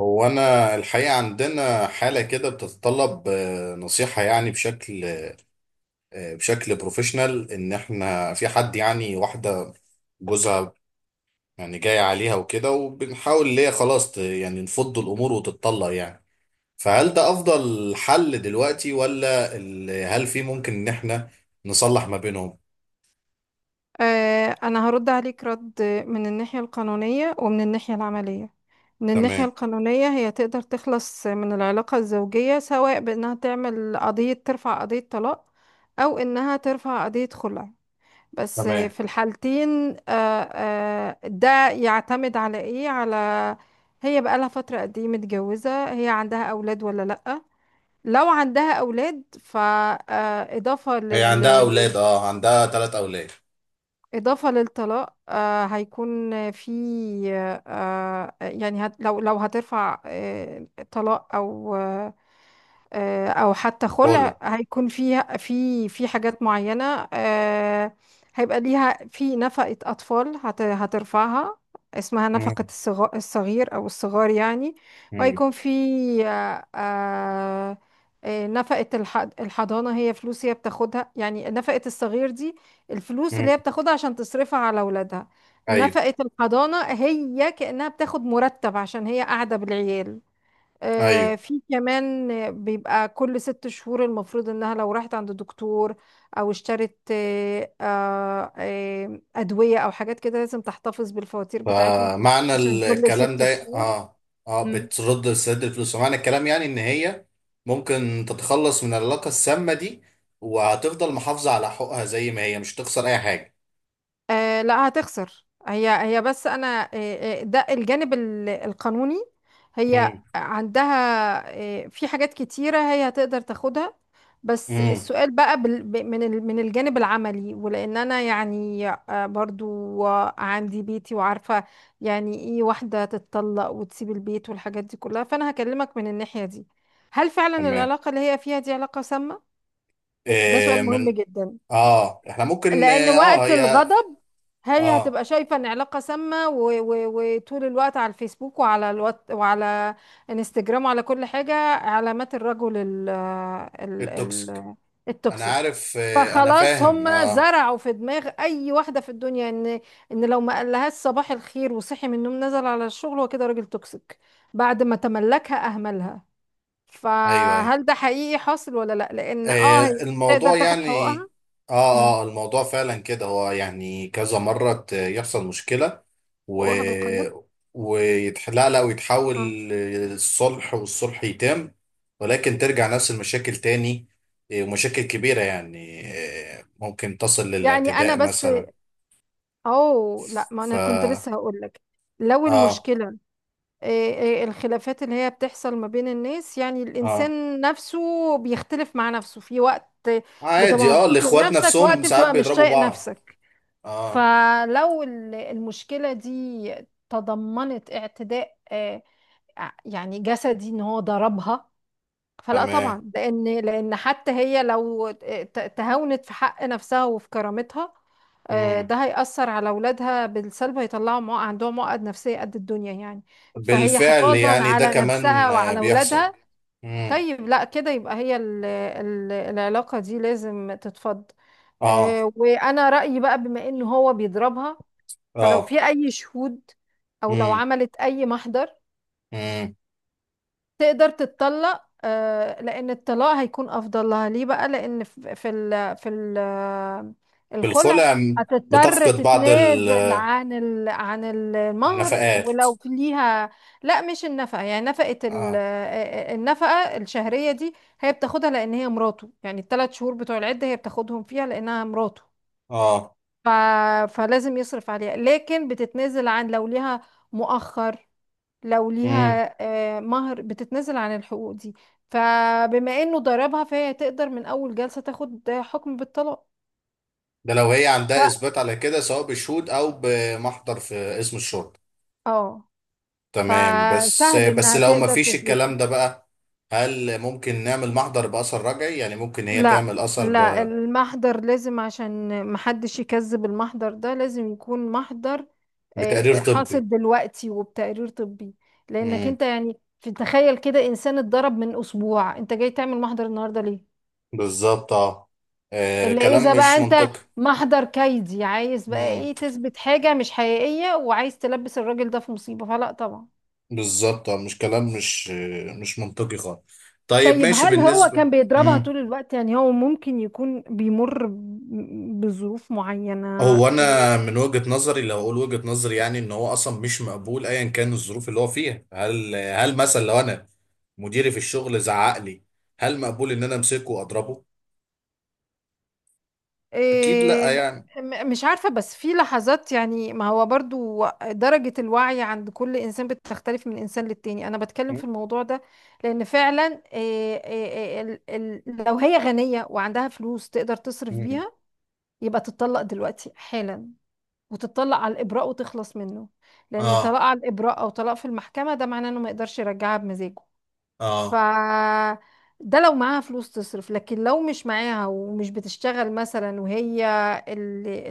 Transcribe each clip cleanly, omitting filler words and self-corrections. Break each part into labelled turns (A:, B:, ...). A: هو أنا الحقيقة عندنا حالة كده بتتطلب نصيحة يعني بشكل، بشكل بروفيشنال، إن إحنا في حد يعني واحدة جوزها يعني جاي عليها وكده، وبنحاول اللي هي خلاص يعني نفض الأمور وتتطلق يعني. فهل ده أفضل حل دلوقتي، ولا هل في ممكن إن إحنا نصلح ما بينهم؟
B: أنا هرد عليك رد، من الناحية القانونية ومن الناحية العملية. من الناحية
A: تمام.
B: القانونية هي تقدر تخلص من العلاقة الزوجية، سواء بأنها تعمل قضية ترفع قضية طلاق، أو إنها ترفع قضية خلع. بس
A: تمام.
B: في الحالتين ده يعتمد على إيه، على هي بقالها فترة قد إيه متجوزة، هي عندها أولاد ولا لأ. لو عندها أولاد
A: هي عندها أولاد، أه، عندها 3 أولاد.
B: إضافة للطلاق هيكون في آه آه، يعني هت لو لو هترفع طلاق أو او حتى خلع
A: كولا.
B: هيكون فيها في حاجات معينة. هيبقى ليها في نفقة اطفال هترفعها، اسمها
A: مم.
B: الصغير او الصغار يعني.
A: مم.
B: وهيكون في آه، آه، نفقة الحضانة، هي فلوس هي بتاخدها، يعني نفقة الصغير دي الفلوس
A: مم.
B: اللي هي بتاخدها عشان تصرفها على اولادها.
A: أيوه.
B: نفقة الحضانة هي كأنها بتاخد مرتب عشان هي قاعدة بالعيال.
A: أيوه.
B: في كمان، بيبقى كل 6 شهور المفروض انها لو راحت عند دكتور، او اشترت ادوية او حاجات كده لازم تحتفظ بالفواتير بتاعتهم
A: فمعنى
B: عشان كل
A: الكلام
B: ست
A: ده،
B: شهور
A: اه. اه،
B: مم.
A: بترد لسداد الفلوس، ومعنى الكلام يعني ان هي ممكن تتخلص من العلاقة السامة دي، وهتفضل محافظة على حقوقها زي ما هي، مش تخسر اي حاجة.
B: لا هتخسر، هي بس انا، ده الجانب القانوني. هي
A: امم.
B: عندها في حاجات كتيرة هي هتقدر تاخدها. بس
A: امم.
B: السؤال بقى من الجانب العملي، ولان انا يعني برضو، عندي بيتي وعارفة يعني ايه واحدة تتطلق وتسيب البيت والحاجات دي كلها، فانا هكلمك من الناحية دي. هل فعلا
A: تمام.
B: العلاقة اللي هي فيها دي علاقة سامة؟ ده سؤال
A: إيه
B: مهم
A: من؟
B: جدا،
A: اه، احنا ممكن
B: لأن
A: آه،
B: وقت
A: هي،
B: الغضب هي
A: اه،
B: هتبقى شايفة ان علاقة سامة، و- و- وطول الوقت على الفيسبوك وعلى الوات وعلى انستجرام وعلى كل حاجة، علامات الرجل ال ال
A: التوكسيك.
B: ال
A: انا
B: التوكسيك.
A: عارف، انا
B: فخلاص
A: فاهم.
B: هم
A: اه.
B: زرعوا في دماغ اي واحدة في الدنيا ان لو ما قالهاش صباح الخير وصحي من النوم نزل على الشغل هو كده راجل توكسيك، بعد ما تملكها اهملها.
A: ايوه، ايوه.
B: فهل ده حقيقي حاصل ولا لا، لان هي
A: آه،
B: تقدر
A: الموضوع
B: تاخد
A: يعني،
B: حقوقها. مم.
A: اه. اه، الموضوع فعلا كده. هو يعني كذا مرة يحصل مشكلة، و
B: حقوقها بالقانون.
A: لا ويتحول
B: آه.
A: للصلح، والصلح يتم، ولكن ترجع نفس المشاكل تاني. آه، ومشاكل كبيرة يعني، آه، ممكن تصل
B: يعني انا
A: للاعتداء
B: بس،
A: مثلا.
B: او لا ما
A: ف.
B: انا كنت لسه هقولك، لو
A: اه.
B: المشكلة الخلافات اللي هي بتحصل ما بين الناس، يعني
A: اه،
B: الإنسان نفسه بيختلف مع نفسه، في وقت بتبقى
A: عادي. اه،
B: مبسوط من
A: الاخوات
B: نفسك،
A: نفسهم
B: وقت
A: ساعات
B: بتبقى مش
A: بيضربوا
B: طايق
A: بعض.
B: نفسك.
A: اه.
B: فلو المشكلة دي تضمنت اعتداء، يعني جسدي ان هو ضربها، فلا
A: تمام.
B: طبعا. لان حتى هي لو تهاونت في حق نفسها وفي كرامتها،
A: مم.
B: ده هيأثر على أولادها بالسلب، هيطلعوا عندهم عقد نفسية قد الدنيا يعني. فهي
A: بالفعل،
B: حفاظا
A: يعني ده
B: على نفسها
A: كمان
B: وعلى
A: بيحصل.
B: أولادها،
A: امم.
B: طيب لا كده يبقى هي العلاقة دي لازم تتفض.
A: اه.
B: وأنا رأيي بقى بما إن هو بيضربها، فلو
A: اه.
B: في أي شهود أو لو
A: امم.
B: عملت أي محضر
A: امم.
B: تقدر تتطلق، لان الطلاق هيكون افضل لها. ليه بقى؟ لان في
A: في
B: الخلع
A: الخلع
B: هتضطر
A: بتفقد بعض
B: تتنازل عن المهر
A: النفقات.
B: ولو في ليها. لا مش النفقه، يعني نفقه ال-
A: اه.
B: آه، النفقه الشهريه دي هي بتاخدها لان هي مراته، يعني الثلاث شهور بتوع العده هي بتاخدهم فيها لانها مراته،
A: اه.
B: ف... فلازم يصرف عليها. لكن بتتنازل عن، لو ليها مؤخر، لو
A: امم.
B: ليها مهر، بتتنازل عن الحقوق دي. فبما انه ضربها فهي تقدر من اول جلسة تاخد حكم بالطلاق.
A: ده لو هي عندها
B: ف-
A: اثبات على كده، سواء بشهود او بمحضر في اسم الشرطه.
B: اه
A: تمام. بس
B: فسهل
A: بس
B: انها
A: لو ما
B: تقدر
A: فيش
B: تثبته.
A: الكلام ده بقى، هل ممكن نعمل محضر باثر رجعي؟ يعني ممكن هي
B: لا
A: تعمل اثر
B: لا، المحضر لازم عشان محدش يكذب، المحضر ده لازم يكون محضر
A: بتقرير طبي؟
B: حاصل دلوقتي وبتقرير طبي. لانك
A: امم.
B: انت يعني في تخيل كده، انسان اتضرب من اسبوع انت جاي تعمل محضر النهارده ليه؟
A: بالظبط، اه. آه،
B: اللي
A: كلام
B: اذا بقى
A: مش
B: انت
A: منطقي.
B: محضر كيدي، عايز بقى
A: مم.
B: ايه، تثبت حاجة مش حقيقية وعايز تلبس الراجل ده في مصيبة، فلا طبعا.
A: بالظبط، اه، مش كلام، مش منطقي خالص. طيب،
B: طيب
A: ماشي
B: هل هو
A: بالنسبة.
B: كان بيضربها
A: مم.
B: طول الوقت؟ يعني هو ممكن يكون بيمر بظروف معينة
A: هو انا
B: إيه؟
A: من وجهة نظري، لو اقول وجهة نظري يعني، ان هو اصلا مش مقبول ايا كان الظروف اللي هو فيها. هل مثلا لو انا مديري في الشغل زعق لي، هل مقبول ان انا امسكه واضربه؟ اكيد
B: إيه
A: لا يعني.
B: مش عارفة، بس في لحظات يعني، ما هو برضو درجة الوعي عند كل إنسان بتختلف من إنسان للتاني، أنا بتكلم في الموضوع ده لأن فعلا إيه إيه إيه لو هي غنية وعندها فلوس تقدر تصرف
A: مم.
B: بيها، يبقى تتطلق دلوقتي حالا، وتتطلق على الإبراء وتخلص منه، لأن
A: اه.
B: طلاق على الإبراء أو طلاق في المحكمة ده معناه إنه ما يقدرش يرجعها بمزاجه. ف
A: اه،
B: ده لو معاها فلوس تصرف، لكن لو مش معاها ومش بتشتغل مثلا، وهي اللي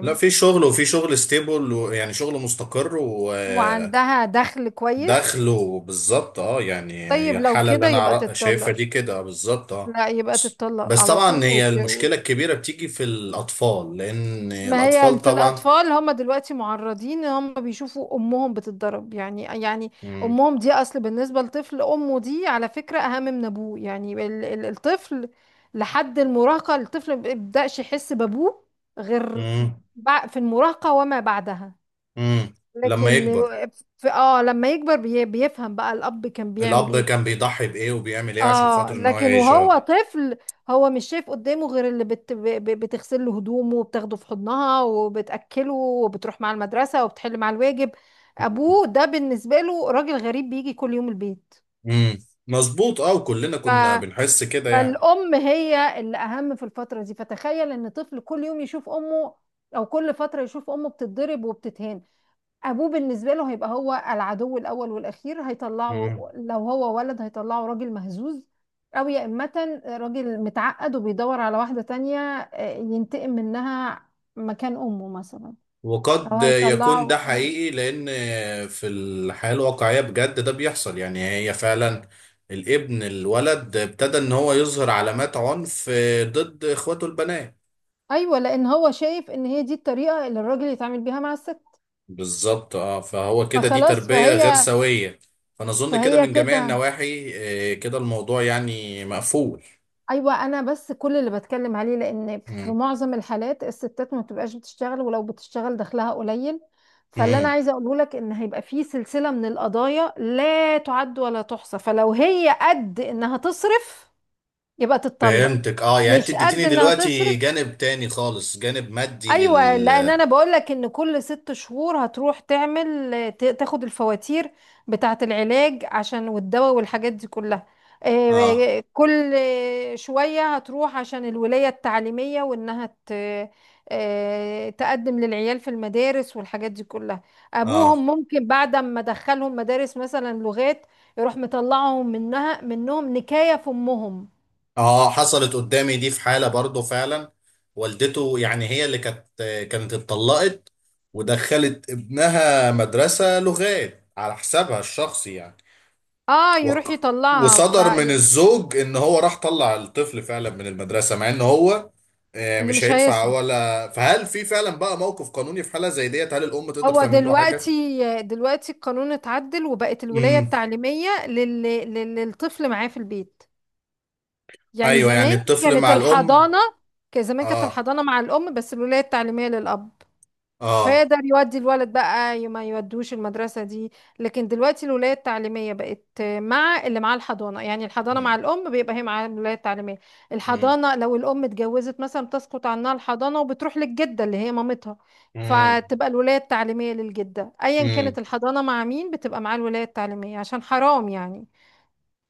A: لا، في شغل، وفي شغل ستيبل، ويعني شغل مستقر و...
B: وعندها دخل كويس،
A: دخله بالظبط، اه. يعني
B: طيب
A: هي
B: لو
A: الحالة اللي
B: كده
A: انا
B: يبقى
A: شايفها
B: تتطلق،
A: دي كده، آه، بالظبط، اه.
B: لا يبقى
A: بس
B: تتطلق
A: بس
B: على طول
A: طبعا هي
B: وت...
A: المشكلة الكبيرة بتيجي في الأطفال، لأن
B: ما هي
A: الأطفال
B: في
A: طبعا.
B: الأطفال، هم دلوقتي معرضين إن هم بيشوفوا أمهم بتتضرب، يعني
A: مم.
B: أمهم دي أصل بالنسبة للطفل، أمه دي على فكرة أهم من أبوه، يعني الطفل لحد المراهقة، الطفل ما بيبدأش يحس بأبوه غير
A: مم.
B: في المراهقة وما بعدها.
A: مم. لما
B: لكن
A: يكبر.
B: في لما يكبر بيفهم بقى الأب كان بيعمل
A: الأب
B: إيه.
A: كان بيضحي بإيه وبيعمل إيه عشان
B: اه
A: خاطر إن هو
B: لكن
A: يعيش.
B: وهو
A: اه.
B: طفل، هو مش شايف قدامه غير اللي بتغسل له هدومه وبتاخده في حضنها وبتأكله وبتروح مع المدرسة وبتحل مع الواجب.
A: مم.
B: ابوه ده بالنسبة له راجل غريب بيجي كل يوم البيت.
A: مم. مظبوط، اه، وكلنا
B: ف...
A: كنا بنحس كده
B: فالأم هي اللي أهم في الفترة دي، فتخيل إن طفل كل يوم يشوف أمه أو كل فترة يشوف أمه بتتضرب وبتتهان، ابوه بالنسبه له هيبقى هو العدو الاول والاخير. هيطلعه،
A: يعني.
B: لو هو ولد، هيطلعه راجل مهزوز، او يا امه راجل متعقد وبيدور على واحده تانية ينتقم منها مكان امه مثلا، او
A: وقد
B: هيطلعه
A: يكون ده
B: آه.
A: حقيقي، لأن في الحياة الواقعية بجد ده بيحصل يعني. هي فعلا الولد ابتدى إن هو يظهر علامات عنف ضد إخواته البنات.
B: ايوه، لان هو شايف ان هي دي الطريقه اللي الراجل يتعامل بيها مع الست،
A: بالظبط، اه. فهو كده، دي
B: فخلاص.
A: تربية غير
B: فهي
A: سوية. فأنا أظن كده
B: فهي
A: من جميع
B: كده
A: النواحي، آه، كده الموضوع يعني مقفول.
B: ايوه، انا بس كل اللي بتكلم عليه، لان في
A: مم.
B: معظم الحالات الستات ما بتبقاش بتشتغل، ولو بتشتغل دخلها قليل، فاللي انا
A: مم.
B: عايزه اقوله لك ان هيبقى في سلسله من القضايا لا تعد ولا تحصى. فلو هي قد انها تصرف يبقى تتطلق.
A: فهمتك، اه. يعني انت
B: مش قد
A: اديتيني
B: انها تصرف.
A: دلوقتي جانب تاني خالص، جانب مادي
B: ايوه، لان
A: لل.
B: انا بقول لك ان كل 6 شهور هتروح تعمل تاخد الفواتير بتاعه العلاج، عشان والدواء والحاجات دي كلها.
A: اه.
B: كل شويه هتروح عشان الولايه التعليميه، وانها تقدم للعيال في المدارس والحاجات دي كلها.
A: اه.
B: ابوهم ممكن بعد ما دخلهم مدارس مثلا لغات، يروح مطلعهم منهم نكايه في امهم.
A: اه، حصلت قدامي دي في حالة برضه فعلا. والدته، يعني هي اللي كانت، اتطلقت ودخلت ابنها مدرسة لغات على حسابها الشخصي يعني.
B: اه يروح يطلعها،
A: وصدر من
B: فاللي
A: الزوج ان هو راح طلع الطفل فعلا من المدرسة، مع ان هو، آه، مش
B: مش
A: هيدفع
B: هيصرف.
A: ولا. فهل في فعلا بقى موقف قانوني في حالة زي ديت؟ هل الام تقدر
B: هو
A: تعمل له
B: دلوقتي
A: حاجة؟
B: دلوقتي القانون اتعدل، وبقت الولاية
A: امم.
B: التعليمية للطفل معاه في البيت. يعني
A: ايوه، يعني
B: زمان
A: الطفل
B: كانت
A: مع الام.
B: الحضانة، كان زمان كانت
A: اه.
B: الحضانة مع الأم بس الولاية التعليمية للأب،
A: اه.
B: فيقدر يودي الولد بقى ما يودوش المدرسة دي. لكن دلوقتي الولاية التعليمية بقت مع اللي معاه الحضانة، يعني الحضانة مع
A: امم.
B: الأم بيبقى هي معاها الولاية التعليمية. الحضانة لو الأم اتجوزت مثلا بتسقط عنها الحضانة وبتروح للجدة اللي هي مامتها،
A: امم.
B: فتبقى الولاية التعليمية للجدة، أيا
A: امم.
B: كانت الحضانة مع مين بتبقى معاه الولاية التعليمية، عشان حرام يعني.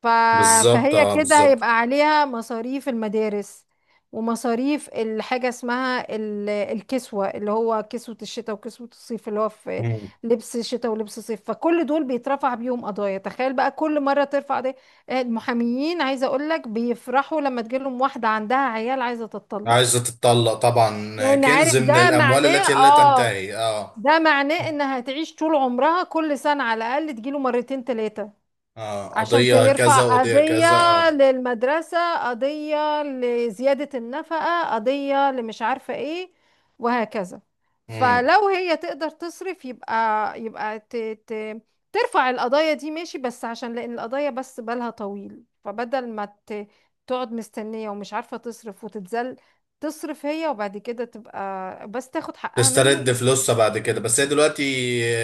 B: ف...
A: بالظبط،
B: فهي
A: اه،
B: كده
A: بالظبط.
B: هيبقى عليها مصاريف المدارس ومصاريف الحاجة اسمها الكسوة، اللي هو كسوة الشتاء وكسوة الصيف، اللي هو في
A: مم.
B: لبس شتاء ولبس صيف، فكل دول بيترفع بيهم قضايا. تخيل بقى كل مرة ترفع دي المحاميين، عايزة اقولك بيفرحوا لما تجيلهم واحدة عندها عيال عايزة تتطلق،
A: عايزة تتطلق طبعا،
B: لان عارف
A: كنز من
B: ده
A: الأموال
B: معناه
A: التي لا
B: اه،
A: تنتهي. اه.
B: ده معناه انها هتعيش طول عمرها كل سنة على الاقل تجيله مرتين تلاتة،
A: اه،
B: عشان
A: قضية
B: يرفع
A: كذا وقضية
B: قضية
A: كذا. اه.
B: للمدرسة، قضية لزيادة النفقة، قضية لمش عارفة ايه، وهكذا.
A: مم.
B: فلو هي تقدر تصرف يبقى يبقى ت... ت... ترفع القضايا دي، ماشي، بس عشان لأن القضايا بس بالها طويل، فبدل ما تقعد مستنية ومش عارفة تصرف وتتذل، تصرف هي وبعد كده تبقى بس تاخد حقها
A: تسترد
B: منه.
A: فلوسها بعد كده. بس هي دلوقتي،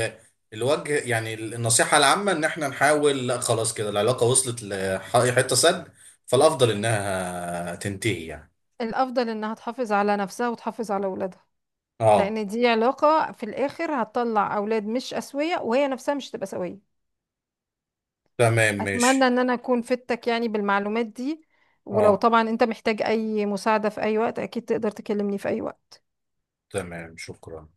A: آه، الوجه يعني النصيحة العامة إن احنا نحاول، لا، خلاص كده العلاقة وصلت لحتة سد، فالأفضل إنها تنتهي يعني.
B: الأفضل إنها تحافظ على نفسها وتحافظ على ولادها،
A: اه.
B: لان دي علاقة في الاخر هتطلع اولاد مش اسوية وهي نفسها مش تبقى سوية.
A: تمام،
B: اتمنى
A: ماشي.
B: ان انا اكون فدتك يعني بالمعلومات دي، ولو
A: اه.
B: طبعا انت محتاج اي مساعدة في اي وقت اكيد تقدر تكلمني في اي وقت.
A: تمام، شكرا.